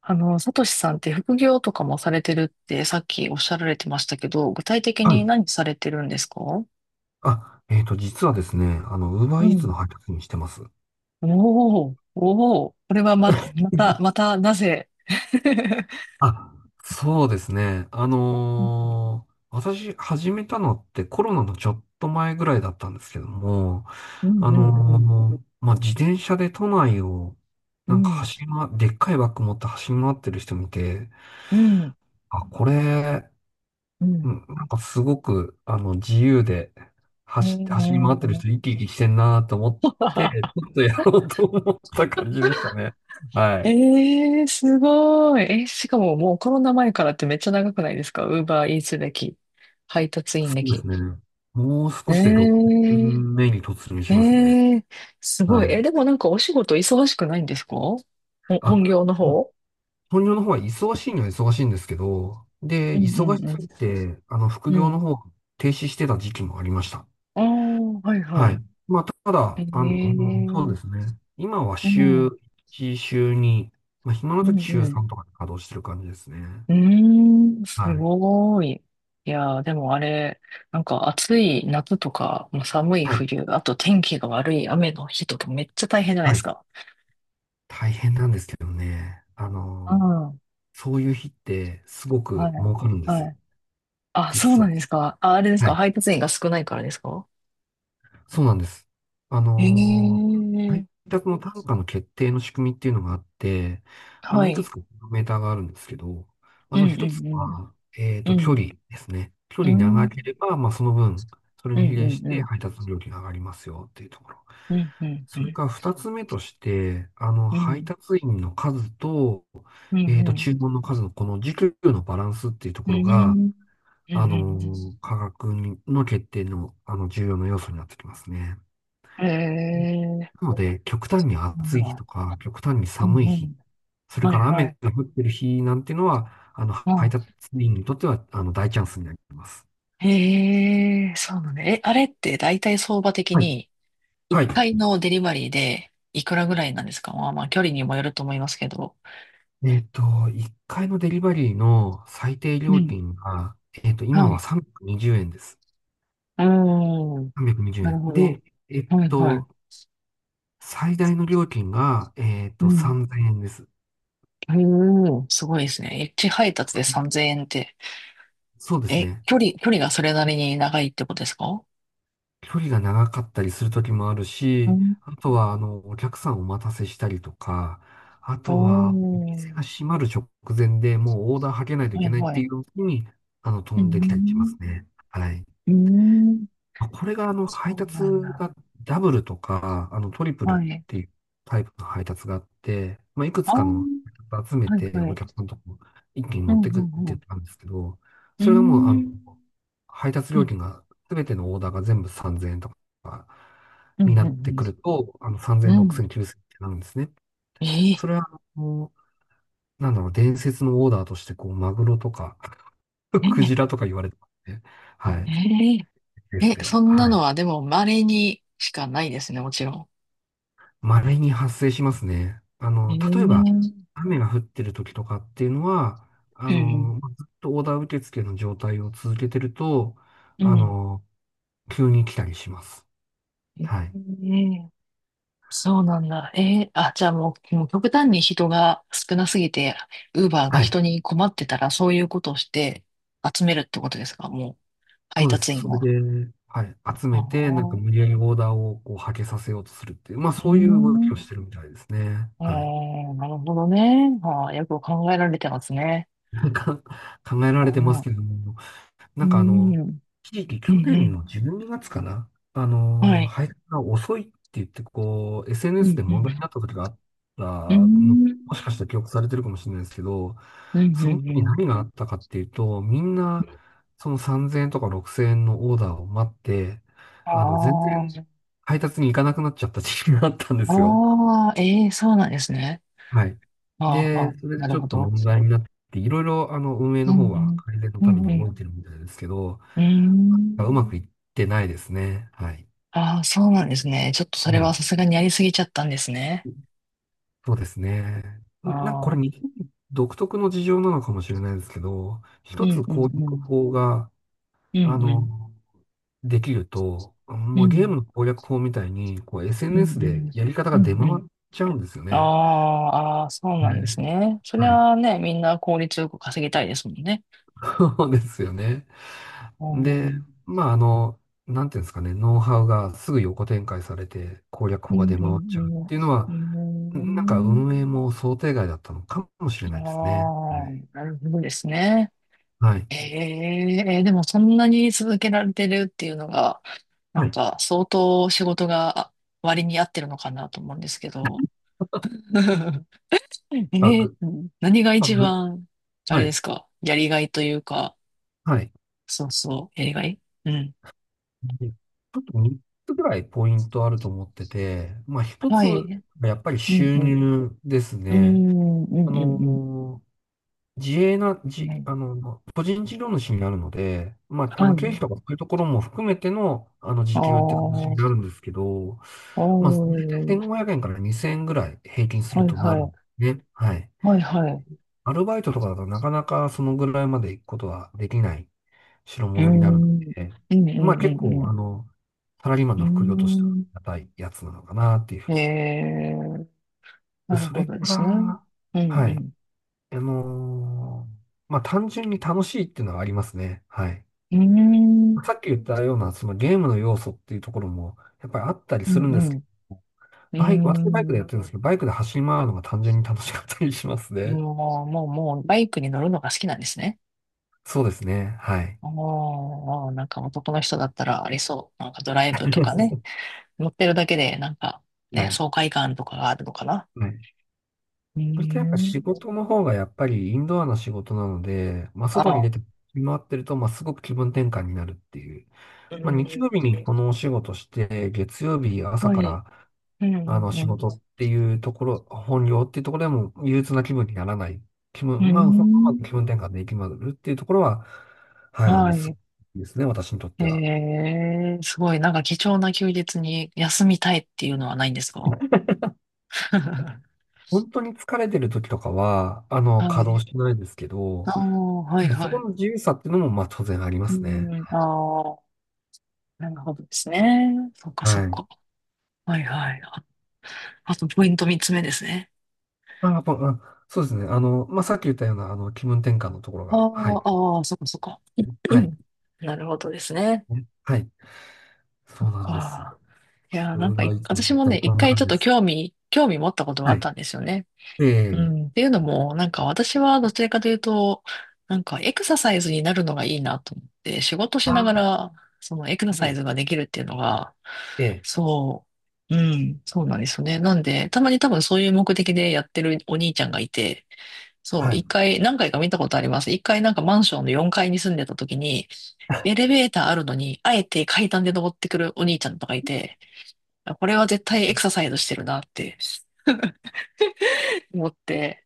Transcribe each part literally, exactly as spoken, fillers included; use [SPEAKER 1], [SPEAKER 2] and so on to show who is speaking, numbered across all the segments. [SPEAKER 1] あの、サトシさんって副業とかもされてるってさっきおっしゃられてましたけど、具体的
[SPEAKER 2] はい。
[SPEAKER 1] に何されてるんですか？
[SPEAKER 2] あ、えっと、実はですね、あの、ウーバ
[SPEAKER 1] う
[SPEAKER 2] ーイーツ
[SPEAKER 1] ん。
[SPEAKER 2] の配達員してます。
[SPEAKER 1] おー、おー、これはま、また、ま た、なぜ？
[SPEAKER 2] あ、そうですね。あ
[SPEAKER 1] うん、
[SPEAKER 2] のー私始めたのってコロナのちょっと前ぐらいだったんですけども、
[SPEAKER 1] う
[SPEAKER 2] あ
[SPEAKER 1] ん、うん、
[SPEAKER 2] のーまあ、自転車で都内を、
[SPEAKER 1] う
[SPEAKER 2] なんか
[SPEAKER 1] ん、
[SPEAKER 2] 走りま、でっかいバッグ持って走り回ってる人見て、
[SPEAKER 1] うん、
[SPEAKER 2] あ、これ、
[SPEAKER 1] うん。う
[SPEAKER 2] う
[SPEAKER 1] ん。
[SPEAKER 2] ん、なんかすごく、あの、自由で、
[SPEAKER 1] え
[SPEAKER 2] 走、走り回ってる
[SPEAKER 1] ー、
[SPEAKER 2] 人、生き生きしてんなと思って、ちょっ とやろうと思った感じでしたね。は
[SPEAKER 1] え
[SPEAKER 2] い。
[SPEAKER 1] ー、すごい。え、しかももうコロナ前からってめっちゃ長くないですか？ウーバーイーツ歴、配達員
[SPEAKER 2] そうで
[SPEAKER 1] 歴。
[SPEAKER 2] すね。もう
[SPEAKER 1] え
[SPEAKER 2] 少しで6
[SPEAKER 1] ー。
[SPEAKER 2] 分目に突入
[SPEAKER 1] え
[SPEAKER 2] しますね。
[SPEAKER 1] え、すごい。
[SPEAKER 2] は
[SPEAKER 1] え、
[SPEAKER 2] い。
[SPEAKER 1] でもなんかお仕事忙しくないんですか、ほ本
[SPEAKER 2] あ、
[SPEAKER 1] 業の方？
[SPEAKER 2] 本業の方は忙しいには忙しいんですけど、
[SPEAKER 1] う
[SPEAKER 2] で、
[SPEAKER 1] んう
[SPEAKER 2] 忙し
[SPEAKER 1] んうん。
[SPEAKER 2] すぎて、あの、副
[SPEAKER 1] う
[SPEAKER 2] 業
[SPEAKER 1] ん。
[SPEAKER 2] の方を停止してた時期もありました。
[SPEAKER 1] ああー、はいは
[SPEAKER 2] はい。
[SPEAKER 1] い。
[SPEAKER 2] た
[SPEAKER 1] え
[SPEAKER 2] だ、あの、う
[SPEAKER 1] え。
[SPEAKER 2] んそう
[SPEAKER 1] うん。
[SPEAKER 2] ですね。今は
[SPEAKER 1] う
[SPEAKER 2] 週
[SPEAKER 1] ん
[SPEAKER 2] いち、週に、まあ、暇の
[SPEAKER 1] う
[SPEAKER 2] 時週
[SPEAKER 1] ん。
[SPEAKER 2] さんとかで稼働してる感じですね。
[SPEAKER 1] うーん、
[SPEAKER 2] は
[SPEAKER 1] す
[SPEAKER 2] い。
[SPEAKER 1] ごい。いやー、でもあれ、なんか暑い夏とか、もう寒い
[SPEAKER 2] はい。
[SPEAKER 1] 冬、あと天気が悪い雨の日とかめっちゃ大変じゃない
[SPEAKER 2] は
[SPEAKER 1] です
[SPEAKER 2] い。
[SPEAKER 1] か。
[SPEAKER 2] 大変なんですけどね。あ
[SPEAKER 1] うん。
[SPEAKER 2] の、
[SPEAKER 1] は
[SPEAKER 2] そういう日ってすごく
[SPEAKER 1] い。
[SPEAKER 2] 儲かるんです。
[SPEAKER 1] はい。あ、そう
[SPEAKER 2] 実
[SPEAKER 1] な
[SPEAKER 2] は。
[SPEAKER 1] んですか。あ、あれです
[SPEAKER 2] は
[SPEAKER 1] か、
[SPEAKER 2] い。
[SPEAKER 1] 配達員が少ないからですか？
[SPEAKER 2] そうなんです。あのー
[SPEAKER 1] え
[SPEAKER 2] 配
[SPEAKER 1] え。
[SPEAKER 2] 達の単価の決定の仕組みっていうのがあって、あ
[SPEAKER 1] は
[SPEAKER 2] の、いくつ
[SPEAKER 1] い。
[SPEAKER 2] かメーターがあるんですけど、あ
[SPEAKER 1] う
[SPEAKER 2] の、
[SPEAKER 1] ん
[SPEAKER 2] 一
[SPEAKER 1] う
[SPEAKER 2] つ
[SPEAKER 1] ん
[SPEAKER 2] は、えっ
[SPEAKER 1] うん。う
[SPEAKER 2] と、距
[SPEAKER 1] ん。
[SPEAKER 2] 離ですね。距
[SPEAKER 1] う
[SPEAKER 2] 離長け
[SPEAKER 1] ん
[SPEAKER 2] れば、まあ、その分、それ
[SPEAKER 1] う
[SPEAKER 2] に比例し
[SPEAKER 1] んう
[SPEAKER 2] て
[SPEAKER 1] ん。
[SPEAKER 2] 配達の料金が上がりますよっていうところ。
[SPEAKER 1] うんうんう
[SPEAKER 2] それ
[SPEAKER 1] ん。
[SPEAKER 2] から二つ目として、あの、
[SPEAKER 1] う
[SPEAKER 2] 配
[SPEAKER 1] ん。
[SPEAKER 2] 達員の数と、
[SPEAKER 1] うん
[SPEAKER 2] えっ
[SPEAKER 1] う
[SPEAKER 2] と、
[SPEAKER 1] ん。
[SPEAKER 2] 注文の数のこの時給のバランスっていうと
[SPEAKER 1] うん。
[SPEAKER 2] こ
[SPEAKER 1] う
[SPEAKER 2] ろが、
[SPEAKER 1] んう
[SPEAKER 2] あの
[SPEAKER 1] ん
[SPEAKER 2] ー価格にの決定の、あの、重要な要素になってきますね。
[SPEAKER 1] うん。へえ。
[SPEAKER 2] なので、極端に
[SPEAKER 1] なん
[SPEAKER 2] 暑い日
[SPEAKER 1] だ。
[SPEAKER 2] とか、極端に
[SPEAKER 1] うん
[SPEAKER 2] 寒い
[SPEAKER 1] う
[SPEAKER 2] 日、
[SPEAKER 1] ん。
[SPEAKER 2] それ
[SPEAKER 1] はい
[SPEAKER 2] から
[SPEAKER 1] は
[SPEAKER 2] 雨
[SPEAKER 1] い。
[SPEAKER 2] が降ってる日なんていうのは、あの、
[SPEAKER 1] う
[SPEAKER 2] 配
[SPEAKER 1] ん。
[SPEAKER 2] 達員にとっては、あの、大チャンスになります。
[SPEAKER 1] へえ、そうなんだ。え、あれって大体相場的
[SPEAKER 2] はい。
[SPEAKER 1] に1
[SPEAKER 2] はい。
[SPEAKER 1] 回のデリバリーでいくらぐらいなんですか？まあまあ距離にもよると思いますけど。
[SPEAKER 2] えっと、いっかいのデリバリーの最低
[SPEAKER 1] う
[SPEAKER 2] 料
[SPEAKER 1] ん。
[SPEAKER 2] 金が、えっと、今
[SPEAKER 1] は
[SPEAKER 2] は
[SPEAKER 1] い。
[SPEAKER 2] さんびゃくにじゅうえんです。
[SPEAKER 1] おー、
[SPEAKER 2] 320
[SPEAKER 1] なる
[SPEAKER 2] 円。
[SPEAKER 1] ほど。
[SPEAKER 2] で、えっ
[SPEAKER 1] はいはい。
[SPEAKER 2] と、最大の料金が、えっ
[SPEAKER 1] う
[SPEAKER 2] と、
[SPEAKER 1] ん。へ
[SPEAKER 2] さんぜんえんです。
[SPEAKER 1] え、すごいですね。一配達でさんぜんえんって。
[SPEAKER 2] そうです
[SPEAKER 1] え、
[SPEAKER 2] ね。
[SPEAKER 1] 距離、距離がそれなりに長いってことですか？
[SPEAKER 2] 距離が長かったりする時もある
[SPEAKER 1] う
[SPEAKER 2] し、
[SPEAKER 1] ん、
[SPEAKER 2] あとは、あの、お客さんをお待たせしたりとか、あ
[SPEAKER 1] お
[SPEAKER 2] とは、お店が
[SPEAKER 1] ー。
[SPEAKER 2] 閉まる直前でもうオーダーはけないとい
[SPEAKER 1] は
[SPEAKER 2] け
[SPEAKER 1] い
[SPEAKER 2] ないっ
[SPEAKER 1] は
[SPEAKER 2] てい
[SPEAKER 1] い。
[SPEAKER 2] う時に、あの、飛
[SPEAKER 1] う
[SPEAKER 2] んできたりします
[SPEAKER 1] ん、
[SPEAKER 2] ね。はい。
[SPEAKER 1] うん、
[SPEAKER 2] あこれがあの
[SPEAKER 1] そ
[SPEAKER 2] 配
[SPEAKER 1] う
[SPEAKER 2] 達
[SPEAKER 1] なんだ。
[SPEAKER 2] がダブルとか、あのトリプルっ
[SPEAKER 1] はい。
[SPEAKER 2] ていうタイプの配達があって、まあ、いく
[SPEAKER 1] あ
[SPEAKER 2] つ
[SPEAKER 1] あ、
[SPEAKER 2] かの
[SPEAKER 1] は
[SPEAKER 2] 配達集め
[SPEAKER 1] い
[SPEAKER 2] て
[SPEAKER 1] は
[SPEAKER 2] お
[SPEAKER 1] い。
[SPEAKER 2] 客さんのとこ一気に
[SPEAKER 1] う
[SPEAKER 2] 持
[SPEAKER 1] ん、
[SPEAKER 2] ってくっ
[SPEAKER 1] う
[SPEAKER 2] てい
[SPEAKER 1] ん、
[SPEAKER 2] うのなんですけど、
[SPEAKER 1] う
[SPEAKER 2] それがもう
[SPEAKER 1] ん。う
[SPEAKER 2] あの
[SPEAKER 1] ん、
[SPEAKER 2] 配達
[SPEAKER 1] う
[SPEAKER 2] 料
[SPEAKER 1] ん、
[SPEAKER 2] 金が全てのオーダーが全部さんぜんえんとか
[SPEAKER 1] うん、う
[SPEAKER 2] になって
[SPEAKER 1] ん。
[SPEAKER 2] くると、あの
[SPEAKER 1] う
[SPEAKER 2] さんぜん、
[SPEAKER 1] ん。
[SPEAKER 2] ろくせん、きゅうせんってなるんですね。
[SPEAKER 1] ええ、
[SPEAKER 2] それはあの、なんだろう、伝説のオーダーとしてこうマグロとか
[SPEAKER 1] え
[SPEAKER 2] ク
[SPEAKER 1] え、
[SPEAKER 2] ジラとか言われてますね。は
[SPEAKER 1] え
[SPEAKER 2] い。
[SPEAKER 1] え、
[SPEAKER 2] です
[SPEAKER 1] え
[SPEAKER 2] では。
[SPEAKER 1] そんな
[SPEAKER 2] は
[SPEAKER 1] の
[SPEAKER 2] い。
[SPEAKER 1] はでも稀にしかないですね、もちろん。
[SPEAKER 2] 稀に発生しますね。あ
[SPEAKER 1] う
[SPEAKER 2] の、例えば、
[SPEAKER 1] ん、
[SPEAKER 2] 雨が降ってる時とかっていうのは、あ
[SPEAKER 1] え、
[SPEAKER 2] の、ずっとオーダー受付の状態を続けてると、
[SPEAKER 1] う
[SPEAKER 2] あ
[SPEAKER 1] ん、うん、
[SPEAKER 2] の、急に来たりします。はい。
[SPEAKER 1] ええ、そうなんだ。えー、あ、じゃあもう、もう極端に人が少なすぎて、ウーバーが
[SPEAKER 2] はい。
[SPEAKER 1] 人に困ってたら、そういうことをして集めるってことですか、もう、
[SPEAKER 2] そ
[SPEAKER 1] 配
[SPEAKER 2] うです。
[SPEAKER 1] 達
[SPEAKER 2] そ
[SPEAKER 1] 員
[SPEAKER 2] れ
[SPEAKER 1] を？
[SPEAKER 2] で、はい。集
[SPEAKER 1] あ
[SPEAKER 2] めて、なんか
[SPEAKER 1] あ、
[SPEAKER 2] 無理やりオーダーをこう、はけさせようとするっていう、まあ
[SPEAKER 1] う
[SPEAKER 2] そういう動きをし
[SPEAKER 1] ん。
[SPEAKER 2] てるみたいですね。
[SPEAKER 1] え
[SPEAKER 2] はい。
[SPEAKER 1] ー、なるほどね。ああ、よく考えられてますね。
[SPEAKER 2] なんか考えら
[SPEAKER 1] う
[SPEAKER 2] れてま
[SPEAKER 1] ん、
[SPEAKER 2] す
[SPEAKER 1] う
[SPEAKER 2] けども、な
[SPEAKER 1] ん、
[SPEAKER 2] んかあの、
[SPEAKER 1] う
[SPEAKER 2] 一時期去
[SPEAKER 1] ん、う
[SPEAKER 2] 年
[SPEAKER 1] ん。
[SPEAKER 2] のじゅうにがつかな、あ
[SPEAKER 1] は
[SPEAKER 2] の、
[SPEAKER 1] い。
[SPEAKER 2] 配達が遅いって言って、こう、
[SPEAKER 1] う
[SPEAKER 2] エスエヌエス
[SPEAKER 1] ん、
[SPEAKER 2] で
[SPEAKER 1] う
[SPEAKER 2] 問
[SPEAKER 1] ん、
[SPEAKER 2] 題になった時があった、
[SPEAKER 1] う
[SPEAKER 2] も、
[SPEAKER 1] ん、
[SPEAKER 2] もしかしたら記憶されてるかもしれないですけど、
[SPEAKER 1] うん、うん。
[SPEAKER 2] その時
[SPEAKER 1] うん。
[SPEAKER 2] 何があったかっていうと、みんな、そのさんぜんえんとかろくせんえんのオーダーを待って、
[SPEAKER 1] あ
[SPEAKER 2] あの、全然
[SPEAKER 1] あ、
[SPEAKER 2] 配達に行かなくなっちゃった時期があったんですよ。
[SPEAKER 1] ああ、ええ、そうなんですね。
[SPEAKER 2] はい。
[SPEAKER 1] ああ、ああ、
[SPEAKER 2] で、それで
[SPEAKER 1] な
[SPEAKER 2] ち
[SPEAKER 1] る
[SPEAKER 2] ょっ
[SPEAKER 1] ほ
[SPEAKER 2] と
[SPEAKER 1] ど。
[SPEAKER 2] 問題になって、いろいろあの運営
[SPEAKER 1] う
[SPEAKER 2] の方
[SPEAKER 1] ん、う
[SPEAKER 2] は
[SPEAKER 1] ん。
[SPEAKER 2] 改善の
[SPEAKER 1] う
[SPEAKER 2] ために
[SPEAKER 1] んう
[SPEAKER 2] 動
[SPEAKER 1] ん。
[SPEAKER 2] いてるみたいですけど、
[SPEAKER 1] うーん。
[SPEAKER 2] うまくいってないですね。はい。
[SPEAKER 1] ああ、そうなんですね。ちょっとそれ
[SPEAKER 2] はい。
[SPEAKER 1] はさすがにやりすぎちゃったんですね。
[SPEAKER 2] そうですね。
[SPEAKER 1] あ
[SPEAKER 2] んなんかこれ
[SPEAKER 1] あ。
[SPEAKER 2] 日本独特の事情なのかもしれないですけど、
[SPEAKER 1] う
[SPEAKER 2] 一つ
[SPEAKER 1] んう
[SPEAKER 2] 攻
[SPEAKER 1] んう
[SPEAKER 2] 略
[SPEAKER 1] ん。
[SPEAKER 2] 法が、
[SPEAKER 1] うん
[SPEAKER 2] あ
[SPEAKER 1] うん。
[SPEAKER 2] の、できると、
[SPEAKER 1] う
[SPEAKER 2] もうゲーム
[SPEAKER 1] ん
[SPEAKER 2] の攻略法みたいに、こう
[SPEAKER 1] うんう
[SPEAKER 2] エスエヌエス で
[SPEAKER 1] ん。
[SPEAKER 2] やり方
[SPEAKER 1] う
[SPEAKER 2] が出
[SPEAKER 1] ん
[SPEAKER 2] 回
[SPEAKER 1] うん。
[SPEAKER 2] っちゃうんですよ
[SPEAKER 1] あ
[SPEAKER 2] ね。
[SPEAKER 1] あ、ああ、そうなんです
[SPEAKER 2] ね。
[SPEAKER 1] ね。そり
[SPEAKER 2] はい。
[SPEAKER 1] ゃあね、みんな効率よく稼ぎたいですもんね。
[SPEAKER 2] そうですよね。
[SPEAKER 1] うん。う
[SPEAKER 2] で、
[SPEAKER 1] ん
[SPEAKER 2] まあ、あの、なんていうんですかね、ノウハウがすぐ横展開されて攻略
[SPEAKER 1] うん
[SPEAKER 2] 法が出
[SPEAKER 1] う
[SPEAKER 2] 回っちゃうっていうのは、なんか
[SPEAKER 1] ん。う
[SPEAKER 2] 運営も想定外だったのかもしれ
[SPEAKER 1] ーん。
[SPEAKER 2] ないですね。
[SPEAKER 1] ああ、なるほどですね。
[SPEAKER 2] はい。
[SPEAKER 1] ええ、でもそんなに続けられてるっていうのが、な
[SPEAKER 2] は
[SPEAKER 1] ん
[SPEAKER 2] い。
[SPEAKER 1] か相当仕事が割に合ってるのかなと思うんですけど。
[SPEAKER 2] あ、
[SPEAKER 1] ええ、
[SPEAKER 2] ぐ、
[SPEAKER 1] 何が
[SPEAKER 2] あ、
[SPEAKER 1] 一
[SPEAKER 2] ぐ、
[SPEAKER 1] 番、あ
[SPEAKER 2] は
[SPEAKER 1] れで
[SPEAKER 2] い。
[SPEAKER 1] すか、やりがいというか、
[SPEAKER 2] はい。
[SPEAKER 1] そうそう、やりがい、うん。
[SPEAKER 2] で、ちょっとみっつぐらいポイントあると思ってて、まあ一
[SPEAKER 1] は
[SPEAKER 2] つ、
[SPEAKER 1] い。
[SPEAKER 2] やっぱり
[SPEAKER 1] うん
[SPEAKER 2] 収
[SPEAKER 1] うん。
[SPEAKER 2] 入です
[SPEAKER 1] う
[SPEAKER 2] ね。
[SPEAKER 1] ん、う
[SPEAKER 2] あ
[SPEAKER 1] ん、うん、うん。
[SPEAKER 2] の自営な、じ、
[SPEAKER 1] ね、
[SPEAKER 2] あの、個人事業主になるので、まあ、あ
[SPEAKER 1] は
[SPEAKER 2] の、経
[SPEAKER 1] い。
[SPEAKER 2] 費とかそういうところも含めての、あの、
[SPEAKER 1] あ
[SPEAKER 2] 時
[SPEAKER 1] あ、
[SPEAKER 2] 給って形
[SPEAKER 1] お
[SPEAKER 2] になるんですけど、まあ、
[SPEAKER 1] ー、
[SPEAKER 2] せんごひゃくえんからにせんえんぐらい平均す
[SPEAKER 1] は
[SPEAKER 2] る
[SPEAKER 1] い
[SPEAKER 2] とな
[SPEAKER 1] は
[SPEAKER 2] るんで
[SPEAKER 1] い。
[SPEAKER 2] すね。はい。
[SPEAKER 1] はいはい。う
[SPEAKER 2] アルバイトとかだとなかなかそのぐらいまで行くことはできない代
[SPEAKER 1] ーん、う
[SPEAKER 2] 物になるの
[SPEAKER 1] ん、
[SPEAKER 2] で、
[SPEAKER 1] うん、
[SPEAKER 2] まあ結
[SPEAKER 1] う
[SPEAKER 2] 構、
[SPEAKER 1] ん、
[SPEAKER 2] あの、サラリーマン
[SPEAKER 1] う
[SPEAKER 2] の副業としてはあ
[SPEAKER 1] ん。
[SPEAKER 2] りがたいやつなのかなっていうふ
[SPEAKER 1] うー
[SPEAKER 2] う
[SPEAKER 1] ん。
[SPEAKER 2] に。
[SPEAKER 1] へえ、
[SPEAKER 2] で、
[SPEAKER 1] なる
[SPEAKER 2] そ
[SPEAKER 1] ほ
[SPEAKER 2] れか
[SPEAKER 1] どですね。
[SPEAKER 2] ら、
[SPEAKER 1] うん、う
[SPEAKER 2] はい。
[SPEAKER 1] ん。
[SPEAKER 2] あのーまあ、単純に楽しいっていうのはありますね。はい。
[SPEAKER 1] うーん、
[SPEAKER 2] さっき言ったような、そのゲームの要素っていうところも、やっぱりあったり
[SPEAKER 1] う
[SPEAKER 2] す
[SPEAKER 1] ん、
[SPEAKER 2] るん
[SPEAKER 1] う
[SPEAKER 2] です
[SPEAKER 1] ん。
[SPEAKER 2] けど、
[SPEAKER 1] う
[SPEAKER 2] バイク、私バイク
[SPEAKER 1] ー
[SPEAKER 2] でやっ
[SPEAKER 1] ん。
[SPEAKER 2] てるんですけど、バイクで走り回るのが単純に楽しかったりしますね。
[SPEAKER 1] もう、もう、もう、バイクに乗るのが好きなんですね。
[SPEAKER 2] そうですね。はい。
[SPEAKER 1] おー、なんか男の人だったらありそう。なんかドライブとかね。乗ってるだけで、なんか、
[SPEAKER 2] は
[SPEAKER 1] ね、
[SPEAKER 2] い。
[SPEAKER 1] 爽快感とかがあるのかな。
[SPEAKER 2] はい。
[SPEAKER 1] うー
[SPEAKER 2] それとやっぱ仕
[SPEAKER 1] ん。
[SPEAKER 2] 事の方がやっぱりインドアな仕事なので、まあ、
[SPEAKER 1] あ
[SPEAKER 2] 外に
[SPEAKER 1] あ、
[SPEAKER 2] 出て回ってると、まあ、すごく気分転換になるっていう。
[SPEAKER 1] うー
[SPEAKER 2] まあ、日
[SPEAKER 1] ん。
[SPEAKER 2] 曜日にこのお仕事して、月曜日朝
[SPEAKER 1] は
[SPEAKER 2] か
[SPEAKER 1] い。
[SPEAKER 2] ら
[SPEAKER 1] うん、う
[SPEAKER 2] あ
[SPEAKER 1] ん、
[SPEAKER 2] の、
[SPEAKER 1] う
[SPEAKER 2] 仕
[SPEAKER 1] ん。
[SPEAKER 2] 事っていうところ、本業っていうところでも憂鬱な気分にならない。気
[SPEAKER 1] う
[SPEAKER 2] 分、
[SPEAKER 1] ー
[SPEAKER 2] まあ、ほんうま
[SPEAKER 1] ん。
[SPEAKER 2] く気分転換できまくるっていうところは、はい、あの、
[SPEAKER 1] は
[SPEAKER 2] すご
[SPEAKER 1] い。
[SPEAKER 2] いですね、私にとっ
[SPEAKER 1] え
[SPEAKER 2] ては。
[SPEAKER 1] え、すごい。なんか貴重な休日に休みたいっていうのはないんですか？
[SPEAKER 2] 本当に疲れてる時とかは、あの、
[SPEAKER 1] は
[SPEAKER 2] 稼
[SPEAKER 1] い。
[SPEAKER 2] 働してないですけど、は
[SPEAKER 1] ああ、はい
[SPEAKER 2] い。そ
[SPEAKER 1] は
[SPEAKER 2] こ
[SPEAKER 1] い。
[SPEAKER 2] の自由さっていうのも、まあ、当然ありま
[SPEAKER 1] う
[SPEAKER 2] すね。
[SPEAKER 1] ん、ああ、なるほどですね。そっかそ
[SPEAKER 2] は
[SPEAKER 1] っ
[SPEAKER 2] い。
[SPEAKER 1] か。はいはい。あ、あとポイント三つ目ですね。
[SPEAKER 2] まあ、やっぱあ、そうですね。あの、まあ、さっき言ったような、あの、気分転換のところ
[SPEAKER 1] あ
[SPEAKER 2] が、はい。
[SPEAKER 1] あ、ああ、そっかそっか。う
[SPEAKER 2] はい。
[SPEAKER 1] ん、なるほどですね、
[SPEAKER 2] はい。そうなんです。ち
[SPEAKER 1] か。いやー、
[SPEAKER 2] ょ
[SPEAKER 1] なん
[SPEAKER 2] っと、
[SPEAKER 1] か
[SPEAKER 2] まあ、
[SPEAKER 1] い、
[SPEAKER 2] いつも
[SPEAKER 1] 私
[SPEAKER 2] 絶
[SPEAKER 1] もね、
[SPEAKER 2] 対
[SPEAKER 1] 一
[SPEAKER 2] こんな
[SPEAKER 1] 回ち
[SPEAKER 2] 感
[SPEAKER 1] ょっ
[SPEAKER 2] じで
[SPEAKER 1] と
[SPEAKER 2] す。
[SPEAKER 1] 興味、興味持ったことがあっ
[SPEAKER 2] は
[SPEAKER 1] たんですよね。
[SPEAKER 2] い。
[SPEAKER 1] う
[SPEAKER 2] え
[SPEAKER 1] ん。
[SPEAKER 2] え、
[SPEAKER 1] っていうのも、なんか私はどちらかというと、なんかエクササイズになるのがいいなと思って、仕事しなが
[SPEAKER 2] あ
[SPEAKER 1] らそのエクサ
[SPEAKER 2] は
[SPEAKER 1] サイ
[SPEAKER 2] い、
[SPEAKER 1] ズができるっていうのが、
[SPEAKER 2] ええ、
[SPEAKER 1] そう、うん、そうなんですよね。なんで、たまに多分そういう目的でやってるお兄ちゃんがいて、そう、
[SPEAKER 2] は
[SPEAKER 1] 一
[SPEAKER 2] い。
[SPEAKER 1] 回、何回か見たことあります。一回なんかマンションのよんかいに住んでた時に、
[SPEAKER 2] あ
[SPEAKER 1] エレベーターあるのに、あえて階段で登ってくるお兄ちゃんとかいて、これは絶対エクササイズしてるなって思って、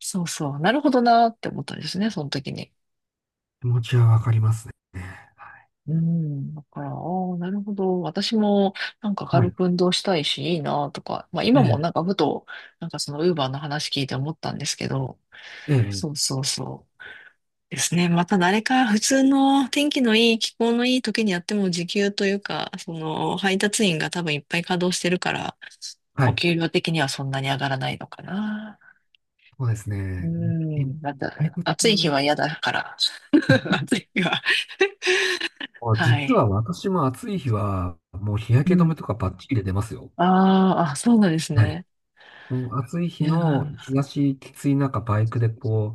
[SPEAKER 1] そうそう、なるほどなって思ったんですね、その時に。
[SPEAKER 2] 気持ちはわかりますね。はい。
[SPEAKER 1] うん、だから、ああ、なるほど。私も、なんか
[SPEAKER 2] は
[SPEAKER 1] 軽
[SPEAKER 2] い。
[SPEAKER 1] く運動したいし、いいなとか。まあ
[SPEAKER 2] え
[SPEAKER 1] 今も
[SPEAKER 2] え、
[SPEAKER 1] なんかふと、なんかそのウーバーの話聞いて思ったんですけど、
[SPEAKER 2] ええ、
[SPEAKER 1] そうそうそう、ですね。また誰か普通の天気のいい、気候のいい時にやっても時給というか、その配達員が多分いっぱい稼働してるから、
[SPEAKER 2] は
[SPEAKER 1] お
[SPEAKER 2] い。
[SPEAKER 1] 給料的にはそんなに上がらないのかな。
[SPEAKER 2] そうです
[SPEAKER 1] う
[SPEAKER 2] ね。え
[SPEAKER 1] ん、なん
[SPEAKER 2] 退
[SPEAKER 1] だ、
[SPEAKER 2] 屈、
[SPEAKER 1] 暑い日は嫌だから。暑い日は。は
[SPEAKER 2] 実
[SPEAKER 1] い。
[SPEAKER 2] は私も暑い日は、もう日焼
[SPEAKER 1] う
[SPEAKER 2] け止
[SPEAKER 1] ん。
[SPEAKER 2] めとかバッチリで出ますよ。
[SPEAKER 1] あー、あ、そうなんです
[SPEAKER 2] はい。
[SPEAKER 1] ね。
[SPEAKER 2] もう暑い
[SPEAKER 1] い
[SPEAKER 2] 日
[SPEAKER 1] や
[SPEAKER 2] の日
[SPEAKER 1] ー、
[SPEAKER 2] 差しきつい中、バイクでこ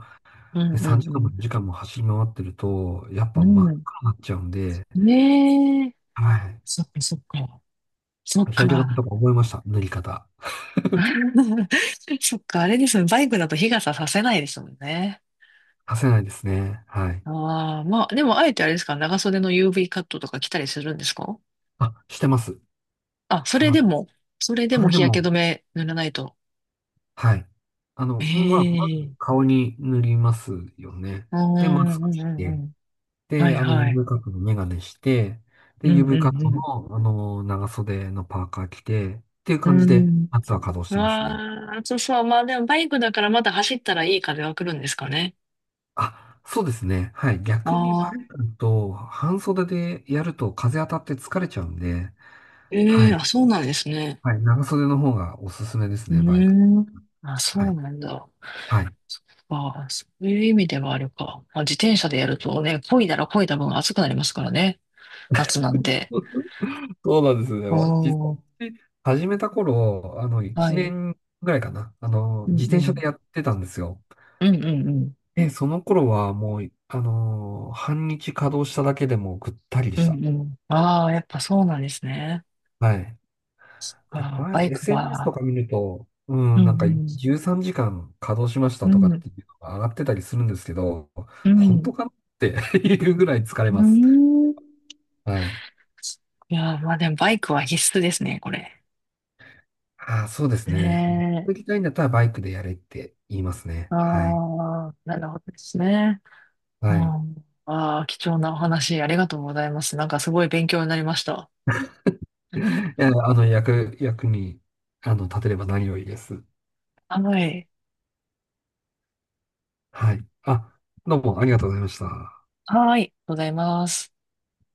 [SPEAKER 1] う
[SPEAKER 2] う、で
[SPEAKER 1] んう
[SPEAKER 2] さんじかんも2
[SPEAKER 1] ん
[SPEAKER 2] 時間も走り回ってると、やっ
[SPEAKER 1] う
[SPEAKER 2] ぱ真
[SPEAKER 1] ん。う
[SPEAKER 2] っ
[SPEAKER 1] ん。
[SPEAKER 2] 赤になっちゃうんで、
[SPEAKER 1] ねえ。
[SPEAKER 2] はい。
[SPEAKER 1] そっかそっか。そっ
[SPEAKER 2] 日焼け止め
[SPEAKER 1] か。
[SPEAKER 2] とか覚えました。塗り方。
[SPEAKER 1] そっか、あれですね。バイクだと日傘させないですもんね。
[SPEAKER 2] させないですね。はい。
[SPEAKER 1] ああ、まあ、でもあえてあれですか、長袖の ユーブイ カットとか着たりするんですか？
[SPEAKER 2] あ、してます。
[SPEAKER 1] あ、
[SPEAKER 2] し
[SPEAKER 1] そ
[SPEAKER 2] て
[SPEAKER 1] れ
[SPEAKER 2] ま
[SPEAKER 1] で
[SPEAKER 2] す。
[SPEAKER 1] も、それで
[SPEAKER 2] そ
[SPEAKER 1] も
[SPEAKER 2] れで
[SPEAKER 1] 日焼
[SPEAKER 2] も、
[SPEAKER 1] け止め塗らないと。
[SPEAKER 2] はい。あの、
[SPEAKER 1] え
[SPEAKER 2] まあ、ま
[SPEAKER 1] え。
[SPEAKER 2] ず顔に塗りますよね。
[SPEAKER 1] うん
[SPEAKER 2] で、マスク
[SPEAKER 1] うんう
[SPEAKER 2] し
[SPEAKER 1] んう
[SPEAKER 2] て、
[SPEAKER 1] ん。は
[SPEAKER 2] で、
[SPEAKER 1] い
[SPEAKER 2] あの、
[SPEAKER 1] はい。
[SPEAKER 2] ユーブイ カットのメガネして、
[SPEAKER 1] う
[SPEAKER 2] で、
[SPEAKER 1] んう
[SPEAKER 2] ユーブイ カット
[SPEAKER 1] ん
[SPEAKER 2] の、あの、長袖のパーカー着て、っていう
[SPEAKER 1] う
[SPEAKER 2] 感じ
[SPEAKER 1] ん。
[SPEAKER 2] で、夏は稼働し
[SPEAKER 1] うん。
[SPEAKER 2] てますね。
[SPEAKER 1] わあ、そうそう。まあでもバイクだからまだ走ったらいい風は来るんですかね。
[SPEAKER 2] あ、そうですね。はい。
[SPEAKER 1] あ
[SPEAKER 2] 逆にバイ
[SPEAKER 1] あ、
[SPEAKER 2] クと半袖でやると風当たって疲れちゃうんで、
[SPEAKER 1] え
[SPEAKER 2] は
[SPEAKER 1] え、あ、
[SPEAKER 2] い。
[SPEAKER 1] そうなんですね。
[SPEAKER 2] はい。長袖の方がおすすめです
[SPEAKER 1] う
[SPEAKER 2] ね、バイク。
[SPEAKER 1] ーん。あ、
[SPEAKER 2] は
[SPEAKER 1] そう
[SPEAKER 2] い。
[SPEAKER 1] なんだ。
[SPEAKER 2] はい。
[SPEAKER 1] そっか、そういう意味ではあるか。まあ、自転車でやるとね、漕いだら漕いだ分暑くなりますからね、夏なんで。
[SPEAKER 2] そうなんですね。
[SPEAKER 1] お
[SPEAKER 2] まあ、実
[SPEAKER 1] ー、
[SPEAKER 2] 際、始めた頃、あの、
[SPEAKER 1] は
[SPEAKER 2] 1
[SPEAKER 1] い。
[SPEAKER 2] 年ぐらいかな。あの、
[SPEAKER 1] うんう
[SPEAKER 2] 自転車で
[SPEAKER 1] ん。
[SPEAKER 2] やってたんですよ。
[SPEAKER 1] うんうんうん。
[SPEAKER 2] で、その頃はもう、あの、半日稼働しただけでもぐったりで
[SPEAKER 1] う
[SPEAKER 2] した。
[SPEAKER 1] んうん。ああ、やっぱそうなんですね。
[SPEAKER 2] はい。で、
[SPEAKER 1] あ
[SPEAKER 2] こ
[SPEAKER 1] ー、
[SPEAKER 2] れ、
[SPEAKER 1] バイク
[SPEAKER 2] エスエヌエス と
[SPEAKER 1] が。
[SPEAKER 2] か見ると、う
[SPEAKER 1] うん
[SPEAKER 2] ん、
[SPEAKER 1] う
[SPEAKER 2] なんか
[SPEAKER 1] ん。
[SPEAKER 2] じゅうさんじかん稼働しました
[SPEAKER 1] う
[SPEAKER 2] とかっ
[SPEAKER 1] ん。
[SPEAKER 2] ていうのが上がってたりするんですけど、
[SPEAKER 1] う
[SPEAKER 2] 本
[SPEAKER 1] ん。
[SPEAKER 2] 当かなって いうぐらい疲れ
[SPEAKER 1] う
[SPEAKER 2] ます。
[SPEAKER 1] ん。
[SPEAKER 2] はい。
[SPEAKER 1] いやー、まあでもバイクは必須ですね、これ。
[SPEAKER 2] ああ、そうですね。
[SPEAKER 1] ね
[SPEAKER 2] 行き
[SPEAKER 1] え。
[SPEAKER 2] たいんだったらバイクでやれって言いますね。
[SPEAKER 1] あ
[SPEAKER 2] はい。
[SPEAKER 1] あ、なるほどですね。うん。
[SPEAKER 2] はい。
[SPEAKER 1] ああ、貴重なお話ありがとうございます。なんかすごい勉強になりました。
[SPEAKER 2] え あの、役、役に、あの、立てれば何よりです。
[SPEAKER 1] はい。
[SPEAKER 2] はい。あ、どうもありがとうございました。
[SPEAKER 1] はい。ありがとうございます。